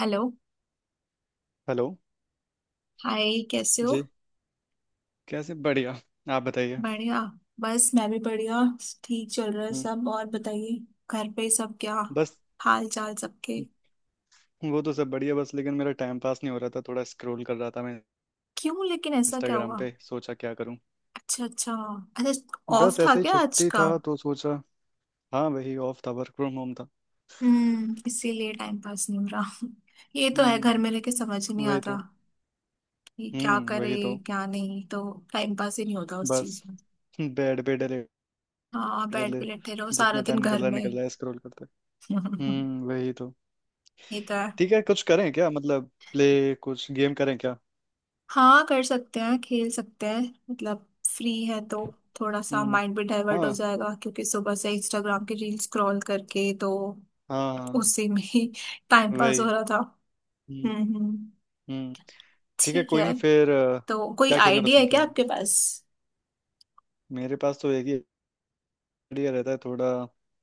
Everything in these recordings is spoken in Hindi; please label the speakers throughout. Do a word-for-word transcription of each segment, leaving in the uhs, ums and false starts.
Speaker 1: हेलो।
Speaker 2: हेलो।
Speaker 1: हाय, कैसे हो?
Speaker 2: जी। कैसे? बढ़िया। आप बताइए।
Speaker 1: बढ़िया। बस मैं भी बढ़िया। ठीक चल रहा है
Speaker 2: हम्म।
Speaker 1: सब, और बताइए। घर पे सब क्या
Speaker 2: बस।
Speaker 1: हाल चाल सबके?
Speaker 2: वो तो सब बढ़िया, बस लेकिन मेरा टाइम पास नहीं हो रहा था। थोड़ा स्क्रॉल कर रहा था मैं।
Speaker 1: क्यों, लेकिन ऐसा क्या
Speaker 2: इंस्टाग्राम
Speaker 1: हुआ?
Speaker 2: पे सोचा क्या करूं।
Speaker 1: अच्छा अच्छा। अच्छा, ऑफ
Speaker 2: बस
Speaker 1: था
Speaker 2: ऐसे ही
Speaker 1: क्या आज
Speaker 2: छुट्टी
Speaker 1: का?
Speaker 2: था तो सोचा। हाँ वही ऑफ था, वर्क फ्रॉम होम था।
Speaker 1: हम्म, इसीलिए टाइम पास नहीं हो रहा। ये तो है, घर में रह
Speaker 2: हम्म
Speaker 1: के समझ ही नहीं
Speaker 2: वही
Speaker 1: आता
Speaker 2: तो।
Speaker 1: कि क्या
Speaker 2: हम्म
Speaker 1: करे।
Speaker 2: वही तो।
Speaker 1: क्या? नहीं तो। टाइम पास ही नहीं होता उस
Speaker 2: बस।
Speaker 1: चीज में।
Speaker 2: बेड पे डले।
Speaker 1: हाँ, बैठ
Speaker 2: डले।
Speaker 1: के लेटे रहो सारा
Speaker 2: जितना
Speaker 1: दिन
Speaker 2: टाइम निकल
Speaker 1: घर
Speaker 2: रहा है,
Speaker 1: में।
Speaker 2: निकल रहा है स्क्रॉल करते। हम्म वही तो।
Speaker 1: ये तो है।
Speaker 2: ठीक है कुछ करें क्या? मतलब प्ले कुछ गेम करें क्या?
Speaker 1: हाँ, कर सकते हैं, खेल सकते हैं। मतलब फ्री है तो थोड़ा सा
Speaker 2: हम्म।
Speaker 1: माइंड भी डाइवर्ट हो
Speaker 2: हाँ।
Speaker 1: जाएगा, क्योंकि सुबह से इंस्टाग्राम की रील स्क्रॉल करके तो
Speaker 2: हाँ हाँ।
Speaker 1: उसी में ही टाइम पास हो
Speaker 2: वही।
Speaker 1: रहा था।
Speaker 2: हम्म।
Speaker 1: हम्म हम्म।
Speaker 2: हम्म। ठीक है
Speaker 1: ठीक
Speaker 2: कोई नहीं
Speaker 1: है।
Speaker 2: फिर अ,
Speaker 1: तो कोई
Speaker 2: क्या खेलना
Speaker 1: आइडिया है
Speaker 2: पसंद
Speaker 1: क्या
Speaker 2: करेंगे?
Speaker 1: आपके पास?
Speaker 2: मेरे पास तो एक ही आइडिया रहता है। थोड़ा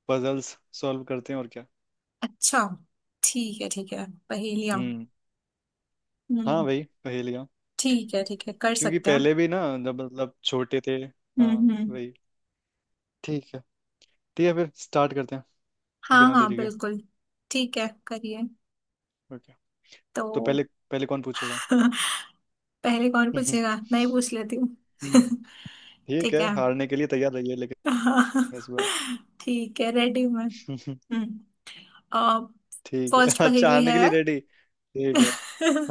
Speaker 2: पजल्स सॉल्व करते हैं और क्या।
Speaker 1: अच्छा। ठीक है ठीक है। पहेलियाँ।
Speaker 2: हम्म। हाँ
Speaker 1: हम्म।
Speaker 2: वही पहेलियाँ।
Speaker 1: ठीक है ठीक है, कर
Speaker 2: क्योंकि
Speaker 1: सकते हैं।
Speaker 2: पहले भी ना, जब मतलब छोटे थे।
Speaker 1: हम्म
Speaker 2: हाँ
Speaker 1: हम्म।
Speaker 2: वही। ठीक है। ठीक है फिर स्टार्ट करते हैं
Speaker 1: हाँ
Speaker 2: बिना
Speaker 1: हाँ,
Speaker 2: देरी के।
Speaker 1: बिल्कुल। ठीक है, करिए।
Speaker 2: ओके। तो
Speaker 1: तो
Speaker 2: पहले, पहले कौन पूछेगा?
Speaker 1: पहले कौन
Speaker 2: हम्म, हम्म,
Speaker 1: पूछेगा? मैं ही पूछ लेती हूँ।
Speaker 2: हम्म। ठीक
Speaker 1: ठीक
Speaker 2: है
Speaker 1: है।
Speaker 2: हारने के लिए तैयार रहिए लेकिन
Speaker 1: हाँ,
Speaker 2: इस बार।
Speaker 1: ठीक है, रेडी में।
Speaker 2: हम्म, हम्म।
Speaker 1: हम्म।
Speaker 2: ठीक है।
Speaker 1: फर्स्ट
Speaker 2: अच्छा,
Speaker 1: पहेली
Speaker 2: हारने के लिए
Speaker 1: है।
Speaker 2: रेडी ठीक है।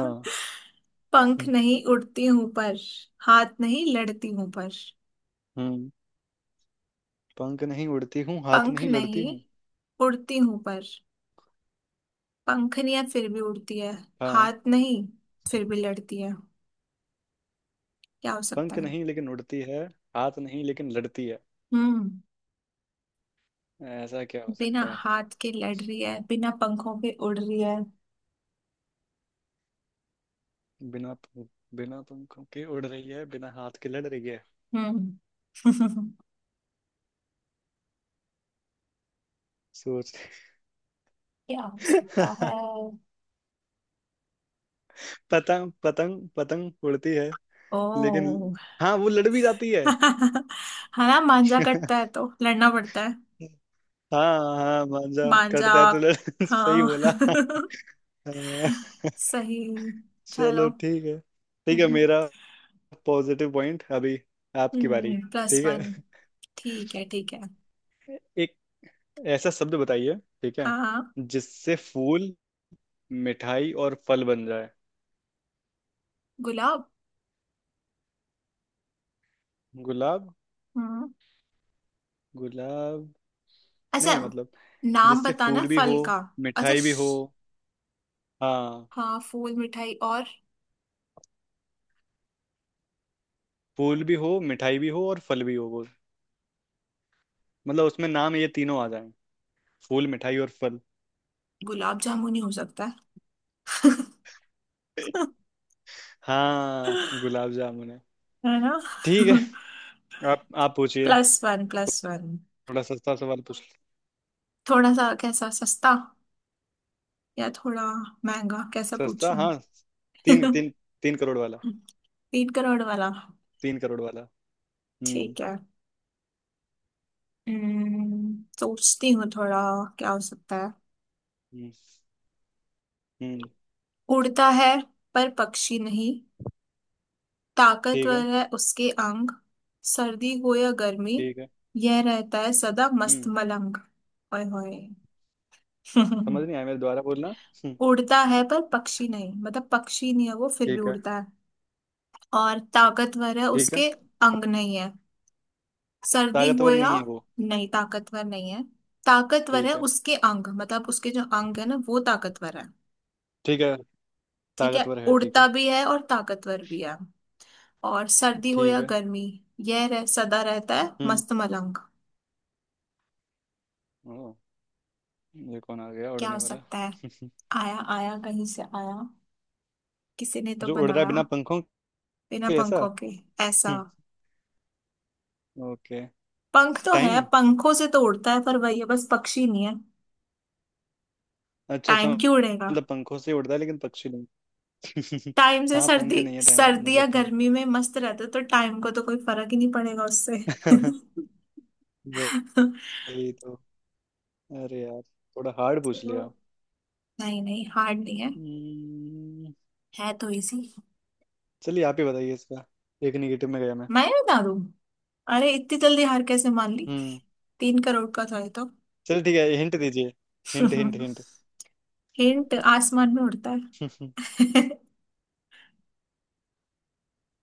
Speaker 2: हाँ।
Speaker 1: पंख
Speaker 2: हम्म।
Speaker 1: नहीं उड़ती हूं पर, हाथ नहीं लड़ती हूं पर।
Speaker 2: हम्म। पंख नहीं उड़ती हूँ, हाथ
Speaker 1: पंख
Speaker 2: नहीं लड़ती
Speaker 1: नहीं
Speaker 2: हूँ।
Speaker 1: उड़ती हूं पर पंखनियां फिर भी उड़ती है,
Speaker 2: हाँ,
Speaker 1: हाथ नहीं फिर भी लड़ती है। क्या हो सकता
Speaker 2: पंख
Speaker 1: है?
Speaker 2: नहीं लेकिन उड़ती है, हाथ नहीं लेकिन लड़ती है।
Speaker 1: हम्म।
Speaker 2: ऐसा क्या हो
Speaker 1: बिना
Speaker 2: सकता है?
Speaker 1: हाथ के लड़ रही है, बिना पंखों के उड़ रही है।
Speaker 2: बिना पंख- बिना पंखों के उड़ रही है, बिना हाथ के लड़ रही है।
Speaker 1: हम्म।
Speaker 2: सोच।
Speaker 1: क्या हो सकता है?
Speaker 2: पतंग पतंग पतंग उड़ती है लेकिन,
Speaker 1: ओ।
Speaker 2: हाँ वो लड़ भी जाती है।
Speaker 1: हाँ ना, मांजा कटता है तो लड़ना पड़ता है।
Speaker 2: हाँ हाँ, मांझा
Speaker 1: मांजा।
Speaker 2: कटता है तो लड़। सही
Speaker 1: हाँ।
Speaker 2: बोला। हाँ।
Speaker 1: सही।
Speaker 2: चलो
Speaker 1: चलो।
Speaker 2: ठीक है। ठीक है
Speaker 1: हम्म।
Speaker 2: मेरा पॉजिटिव पॉइंट अभी। आपकी बारी।
Speaker 1: प्लस
Speaker 2: ठीक है।
Speaker 1: वन ठीक है ठीक है।
Speaker 2: एक ऐसा शब्द बताइए, ठीक है,
Speaker 1: हाँ।
Speaker 2: जिससे फूल, मिठाई और फल बन जाए।
Speaker 1: गुलाब।
Speaker 2: गुलाब।
Speaker 1: हम्म।
Speaker 2: गुलाब।
Speaker 1: अच्छा,
Speaker 2: नहीं मतलब
Speaker 1: नाम
Speaker 2: जिससे
Speaker 1: बताना
Speaker 2: फूल भी हो,
Speaker 1: फल का। अच्छा,
Speaker 2: मिठाई भी हो।
Speaker 1: श-
Speaker 2: हाँ,
Speaker 1: हाँ, फूल मिठाई और
Speaker 2: फूल भी हो, मिठाई भी हो और फल भी हो वो। मतलब उसमें नाम ये तीनों आ जाएं, फूल, मिठाई और फल।
Speaker 1: गुलाब जामुन ही हो सकता है।
Speaker 2: हाँ, गुलाब जामुन है।
Speaker 1: है ना?
Speaker 2: ठीक है। आप आप पूछिए।
Speaker 1: Plus one, plus one.
Speaker 2: थोड़ा सस्ता सवाल पूछ।
Speaker 1: थोड़ा सा कैसा सस्ता, या थोड़ा महंगा कैसा
Speaker 2: सस्ता।
Speaker 1: पूछूं?
Speaker 2: हाँ। तीन तीन तीन करोड़ वाला।
Speaker 1: तीन करोड़ वाला?
Speaker 2: तीन करोड़ वाला। हम्म।
Speaker 1: ठीक है। हम्म, सोचती हूँ थोड़ा, क्या हो सकता है?
Speaker 2: हम्म। हम्म,
Speaker 1: उड़ता है पर पक्षी नहीं,
Speaker 2: ठीक है।
Speaker 1: ताकतवर है उसके अंग, सर्दी हो या गर्मी
Speaker 2: ठीक है।
Speaker 1: यह रहता है सदा मस्त
Speaker 2: हम्म।
Speaker 1: मलंग। ओए होए।
Speaker 2: समझ नहीं आया मेरे द्वारा बोलना। हम्म,
Speaker 1: उड़ता है पर पक्षी नहीं, मतलब पक्षी नहीं है वो, फिर भी
Speaker 2: ठीक है।
Speaker 1: उड़ता है। और ताकतवर है
Speaker 2: ठीक है।
Speaker 1: उसके अंग। नहीं है? सर्दी हो
Speaker 2: ताकतवर
Speaker 1: या...
Speaker 2: नहीं है वो?
Speaker 1: नहीं, ताकतवर नहीं है। ताकतवर है
Speaker 2: ठीक है।
Speaker 1: उसके अंग, मतलब उसके जो अंग है ना वो ताकतवर है।
Speaker 2: ठीक है।
Speaker 1: ठीक है,
Speaker 2: ताकतवर है ठीक
Speaker 1: उड़ता
Speaker 2: है।
Speaker 1: भी है और ताकतवर भी है। और सर्दी हो
Speaker 2: ठीक
Speaker 1: या
Speaker 2: है।
Speaker 1: गर्मी यह रह, सदा रहता है
Speaker 2: हम्म।
Speaker 1: मस्त मलंग।
Speaker 2: ओ, ये कौन आ गया
Speaker 1: क्या
Speaker 2: उड़ने
Speaker 1: हो
Speaker 2: वाला?
Speaker 1: सकता है? आया आया कहीं से आया, किसी ने तो
Speaker 2: जो उड़ रहा है
Speaker 1: बनाया।
Speaker 2: बिना पंखों
Speaker 1: बिना
Speaker 2: के, ऐसा।
Speaker 1: पंखों के ऐसा।
Speaker 2: हम्म। ओके।
Speaker 1: पंख तो है,
Speaker 2: टाइम।
Speaker 1: पंखों से तो उड़ता है पर, वही है, बस पक्षी नहीं है।
Speaker 2: अच्छा अच्छा,
Speaker 1: टाइम क्यों उड़ेगा?
Speaker 2: मतलब पंखों से उड़ता है लेकिन पक्षी नहीं।
Speaker 1: टाइम से
Speaker 2: हाँ
Speaker 1: सर्दी,
Speaker 2: पंख नहीं है, टाइम
Speaker 1: सर्दी
Speaker 2: मतलब
Speaker 1: या
Speaker 2: पंख।
Speaker 1: गर्मी में मस्त रहता है तो टाइम को तो कोई फर्क ही नहीं पड़ेगा उससे। तो
Speaker 2: वही तो। अरे यार, थोड़ा हार्ड पूछ लिया।
Speaker 1: नहीं नहीं, हार्ड नहीं है,
Speaker 2: हम्म।
Speaker 1: है तो इजी।
Speaker 2: चलिए आप ही बताइए इसका। एक निगेटिव में गया मैं।
Speaker 1: मैं बता दूं? अरे इतनी जल्दी हार कैसे मान ली?
Speaker 2: हम्म।
Speaker 1: तीन करोड़ का था ये तो।
Speaker 2: चलो ठीक है, हिंट दीजिए। Hint hint hint.
Speaker 1: हिंट, आसमान में उड़ता है।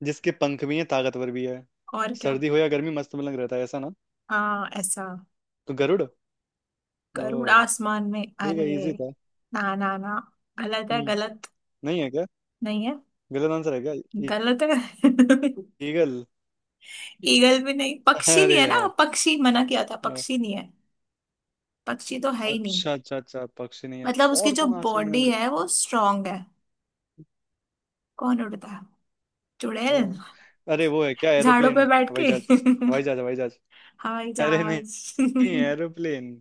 Speaker 2: जिसके पंख भी हैं, ताकतवर भी है,
Speaker 1: और क्या?
Speaker 2: सर्दी हो या गर्मी मस्त मलंग रहता है, ऐसा ना?
Speaker 1: हाँ ऐसा।
Speaker 2: तो गरुड़।
Speaker 1: गरुड़?
Speaker 2: ओ,
Speaker 1: आसमान में?
Speaker 2: ठीक है
Speaker 1: अरे,
Speaker 2: इजी था।
Speaker 1: ना ना ना, गलत है
Speaker 2: हम्म,
Speaker 1: गलत।
Speaker 2: नहीं है क्या?
Speaker 1: नहीं है।
Speaker 2: गलत आंसर है क्या?
Speaker 1: गलत है।
Speaker 2: ईगल।
Speaker 1: ईगल भी नहीं, पक्षी नहीं
Speaker 2: अरे
Speaker 1: है ना,
Speaker 2: यार।
Speaker 1: पक्षी मना किया था,
Speaker 2: यार,
Speaker 1: पक्षी नहीं है। पक्षी तो है ही नहीं।
Speaker 2: अच्छा अच्छा अच्छा पक्षी नहीं है।
Speaker 1: मतलब उसकी
Speaker 2: और
Speaker 1: जो
Speaker 2: कौन आसमान में
Speaker 1: बॉडी
Speaker 2: उड़?
Speaker 1: है वो स्ट्रांग है। कौन उड़ता है? चुड़ैल,
Speaker 2: ओ, अरे वो है क्या,
Speaker 1: झाड़ों
Speaker 2: एरोप्लेन?
Speaker 1: पे बैठ
Speaker 2: हवाई
Speaker 1: के।
Speaker 2: जहाज हवाई जहाज हवाई जहाज।
Speaker 1: हवाई
Speaker 2: अरे नहीं,
Speaker 1: जहाज।
Speaker 2: नहीं एरोप्लेन।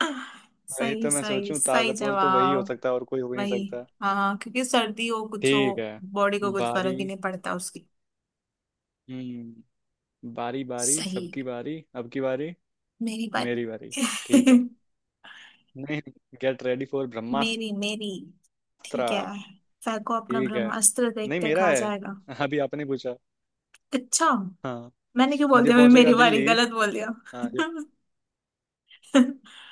Speaker 2: वही
Speaker 1: सही
Speaker 2: तो मैं
Speaker 1: सही
Speaker 2: सोचूं,
Speaker 1: सही
Speaker 2: ताकतवर तो वही हो
Speaker 1: जवाब।
Speaker 2: सकता है और कोई हो ही नहीं
Speaker 1: वही।
Speaker 2: सकता।
Speaker 1: हाँ हाँ, क्योंकि सर्दी हो कुछ हो,
Speaker 2: ठीक है।
Speaker 1: बॉडी को कुछ
Speaker 2: बारी।
Speaker 1: फर्क ही नहीं पड़ता उसकी।
Speaker 2: हम्म। बारी बारी
Speaker 1: सही।
Speaker 2: सबकी बारी, अब की बारी
Speaker 1: मेरी बारी।
Speaker 2: मेरी बारी। ठीक है। नहीं, गेट रेडी फॉर ब्रह्मास्त्र।
Speaker 1: मेरी मेरी, ठीक है। सर को अपना
Speaker 2: ठीक है।
Speaker 1: ब्रह्मास्त्र
Speaker 2: नहीं
Speaker 1: देखते
Speaker 2: मेरा
Speaker 1: खा
Speaker 2: है।
Speaker 1: जाएगा।
Speaker 2: अभी आपने पूछा।
Speaker 1: अच्छा।
Speaker 2: हाँ।
Speaker 1: मैंने क्यों बोल
Speaker 2: ये
Speaker 1: दिया मैं
Speaker 2: पहुंचेगा
Speaker 1: मेरी बारी?
Speaker 2: दिल्ली।
Speaker 1: गलत बोल दिया।
Speaker 2: हाँ ये।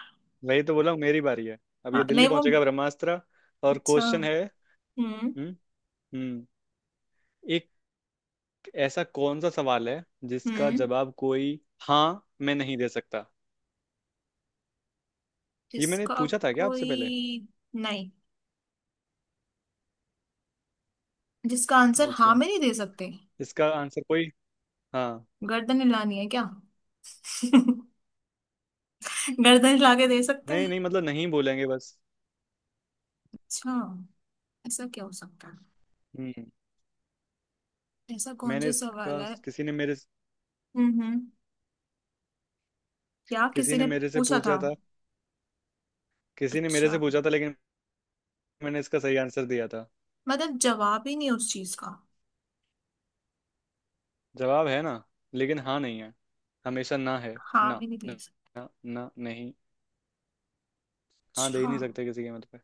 Speaker 2: वही तो बोला हूँ, मेरी बारी है। अब ये
Speaker 1: हाँ,
Speaker 2: दिल्ली
Speaker 1: नहीं वो।
Speaker 2: पहुंचेगा ब्रह्मास्त्र। और
Speaker 1: अच्छा।
Speaker 2: क्वेश्चन है।
Speaker 1: हम्म।
Speaker 2: हम्म। हम्म। एक ऐसा कौन सा सवाल है जिसका
Speaker 1: हम्म।
Speaker 2: जवाब कोई हाँ मैं नहीं दे सकता? ये मैंने
Speaker 1: जिसका
Speaker 2: पूछा था क्या आपसे पहले?
Speaker 1: कोई नहीं, जिसका आंसर हाँ
Speaker 2: ओके।
Speaker 1: में नहीं दे सकते?
Speaker 2: इसका आंसर कोई हाँ।
Speaker 1: गर्दन हिलानी है क्या? गर्दन हिला के दे सकते हैं?
Speaker 2: नहीं नहीं मतलब नहीं बोलेंगे बस।
Speaker 1: अच्छा। ऐसा क्या हो सकता है?
Speaker 2: हम्म।
Speaker 1: ऐसा कौन
Speaker 2: मैंने
Speaker 1: सा सवाल
Speaker 2: इसका
Speaker 1: है?
Speaker 2: किसी ने मेरे
Speaker 1: हम्म हम्म। क्या
Speaker 2: किसी
Speaker 1: किसी
Speaker 2: ने
Speaker 1: ने
Speaker 2: मेरे से
Speaker 1: पूछा था?
Speaker 2: पूछा था। किसी ने मेरे से
Speaker 1: अच्छा,
Speaker 2: पूछा था लेकिन मैंने इसका सही आंसर दिया था।
Speaker 1: मतलब जवाब ही नहीं उस चीज का?
Speaker 2: जवाब है ना, लेकिन हाँ नहीं है, हमेशा ना है
Speaker 1: हाँ
Speaker 2: ना
Speaker 1: भी नहीं दे
Speaker 2: ना।
Speaker 1: सकते?
Speaker 2: ना, ना नहीं। हाँ दे ही
Speaker 1: अच्छा,
Speaker 2: नहीं सकते किसी कीमत पे।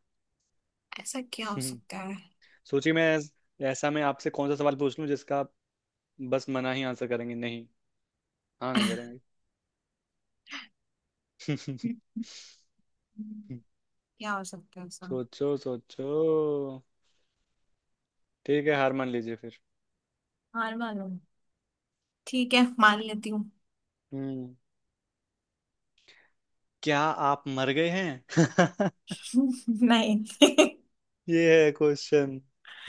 Speaker 1: ऐसा क्या हो
Speaker 2: हम्म,
Speaker 1: सकता है?
Speaker 2: सोचिए। मैं ऐस- ऐसा मैं आपसे कौन सा सवाल पूछ लूं जिसका आप बस मना ही आंसर करेंगे नहीं, हाँ नहीं करेंगे।
Speaker 1: क्या हो सकता है ऐसा?
Speaker 2: सोचो सोचो। ठीक है हार मान लीजिए फिर।
Speaker 1: हार मानो। ठीक है, मान लेती हूँ।
Speaker 2: हम्म। क्या आप मर गए हैं?
Speaker 1: नहीं।
Speaker 2: ये है क्वेश्चन।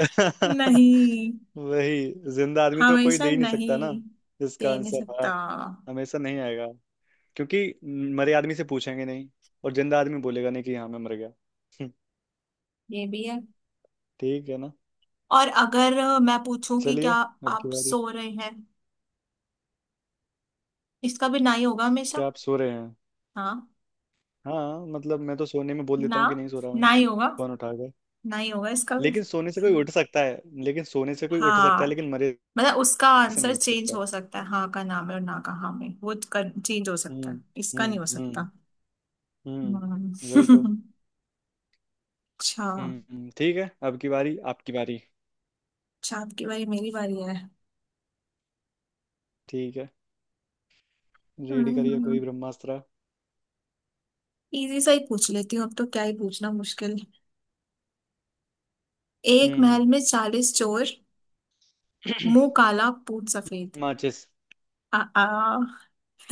Speaker 1: नहीं।
Speaker 2: वही, जिंदा आदमी तो कोई
Speaker 1: हमेशा
Speaker 2: दे ही नहीं सकता ना।
Speaker 1: नहीं
Speaker 2: इसका
Speaker 1: दे नहीं
Speaker 2: आंसर
Speaker 1: सकता।
Speaker 2: हाँ हमेशा नहीं आएगा क्योंकि मरे आदमी से पूछेंगे नहीं और जिंदा आदमी बोलेगा नहीं कि हाँ मैं मर गया।
Speaker 1: ये भी है।
Speaker 2: ठीक है ना?
Speaker 1: और अगर अ, मैं पूछूं कि क्या
Speaker 2: चलिए अब की
Speaker 1: आप
Speaker 2: बारी।
Speaker 1: सो रहे हैं? इसका भी ना ही होगा हमेशा।
Speaker 2: क्या आप सो रहे हैं?
Speaker 1: हाँ।
Speaker 2: हाँ मतलब मैं तो सोने में बोल देता
Speaker 1: ना,
Speaker 2: हूँ कि नहीं सो रहा मैं,
Speaker 1: ना ही होगा।
Speaker 2: फोन उठा कर।
Speaker 1: ना ही होगा इसका भी।
Speaker 2: लेकिन सोने से कोई उठ सकता है लेकिन सोने से कोई उठ सकता
Speaker 1: हाँ,
Speaker 2: है लेकिन मरे
Speaker 1: मतलब उसका
Speaker 2: से नहीं
Speaker 1: आंसर
Speaker 2: उठ
Speaker 1: चेंज
Speaker 2: सकता।
Speaker 1: हो सकता है, हाँ का नाम है और ना का हाँ में वो चेंज हो
Speaker 2: हम्म।
Speaker 1: सकता है, इसका नहीं
Speaker 2: हम्म।
Speaker 1: हो
Speaker 2: हम्म।
Speaker 1: सकता।
Speaker 2: हम्म वही तो।
Speaker 1: हम्म। अच्छा।
Speaker 2: हम्म ठीक है। अब की बारी आपकी बारी।
Speaker 1: अच्छा, आपकी बारी, मेरी बारी है।
Speaker 2: ठीक है, रेडी करिए
Speaker 1: हम्म,
Speaker 2: कोई ब्रह्मास्त्र।
Speaker 1: इजी सा ही पूछ लेती हूँ अब तो, क्या ही पूछना मुश्किल। एक
Speaker 2: हम्म।
Speaker 1: महल में चालीस चोर, मुंह काला पूत सफेद।
Speaker 2: माचिस।
Speaker 1: आ, आ।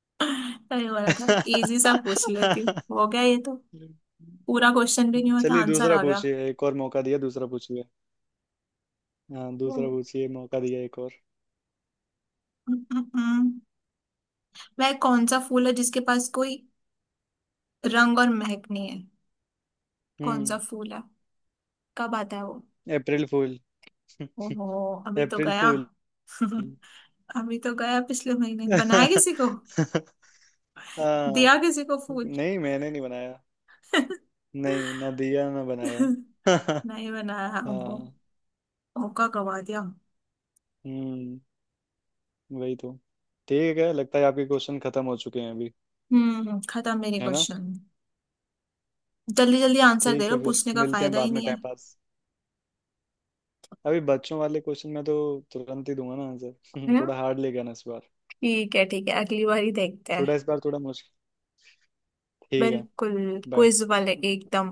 Speaker 1: अरे वाला था। इजी सा पूछ लेती हूँ। हो गया ये तो, पूरा क्वेश्चन भी नहीं होता
Speaker 2: चलिए
Speaker 1: आंसर
Speaker 2: दूसरा
Speaker 1: आ गया।
Speaker 2: पूछिए, एक और मौका दिया। दूसरा पूछिए। हाँ दूसरा
Speaker 1: हम्म,
Speaker 2: पूछिए, मौका दिया एक और।
Speaker 1: हम्म, हम्म। वह कौन सा फूल है जिसके पास कोई रंग और महक नहीं है? कौन सा
Speaker 2: हम्म।
Speaker 1: फूल है? कब आता है वो?
Speaker 2: अप्रैल फूल।
Speaker 1: ओहो। अभी तो
Speaker 2: अप्रैल
Speaker 1: गया।
Speaker 2: फूल।
Speaker 1: अभी तो गया, पिछले महीने बनाया किसी को, दिया
Speaker 2: हाँ।
Speaker 1: किसी को फूल।
Speaker 2: नहीं मैंने नहीं बनाया। नहीं, ना दिया ना बनाया।
Speaker 1: नहीं बनाया? ओहो,
Speaker 2: हाँ।
Speaker 1: मौका गवा दिया।
Speaker 2: हम्म, वही तो। ठीक है लगता है आपके क्वेश्चन खत्म हो चुके हैं अभी।
Speaker 1: हम्म, खत्म मेरे
Speaker 2: है ना?
Speaker 1: क्वेश्चन। जल्दी जल्दी आंसर दे
Speaker 2: ठीक
Speaker 1: रहे
Speaker 2: है
Speaker 1: हो,
Speaker 2: फिर
Speaker 1: पूछने का
Speaker 2: मिलते हैं
Speaker 1: फायदा ही
Speaker 2: बाद में, टाइम
Speaker 1: नहीं
Speaker 2: पास। अभी बच्चों वाले क्वेश्चन में तो तुरंत ही दूंगा ना आंसर।
Speaker 1: है।
Speaker 2: थोड़ा हार्ड ले गया ना इस बार।
Speaker 1: ठीक है ठीक है, अगली बारी देखते हैं।
Speaker 2: थोड़ा इस बार थोड़ा मुश्किल। ठीक है
Speaker 1: बिल्कुल
Speaker 2: बाय।
Speaker 1: क्विज वाले एकदम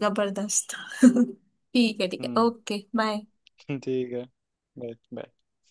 Speaker 1: जबरदस्त। ठीक है ठीक है,
Speaker 2: हम्म।
Speaker 1: Okay bye.
Speaker 2: ठीक है। Bye bye.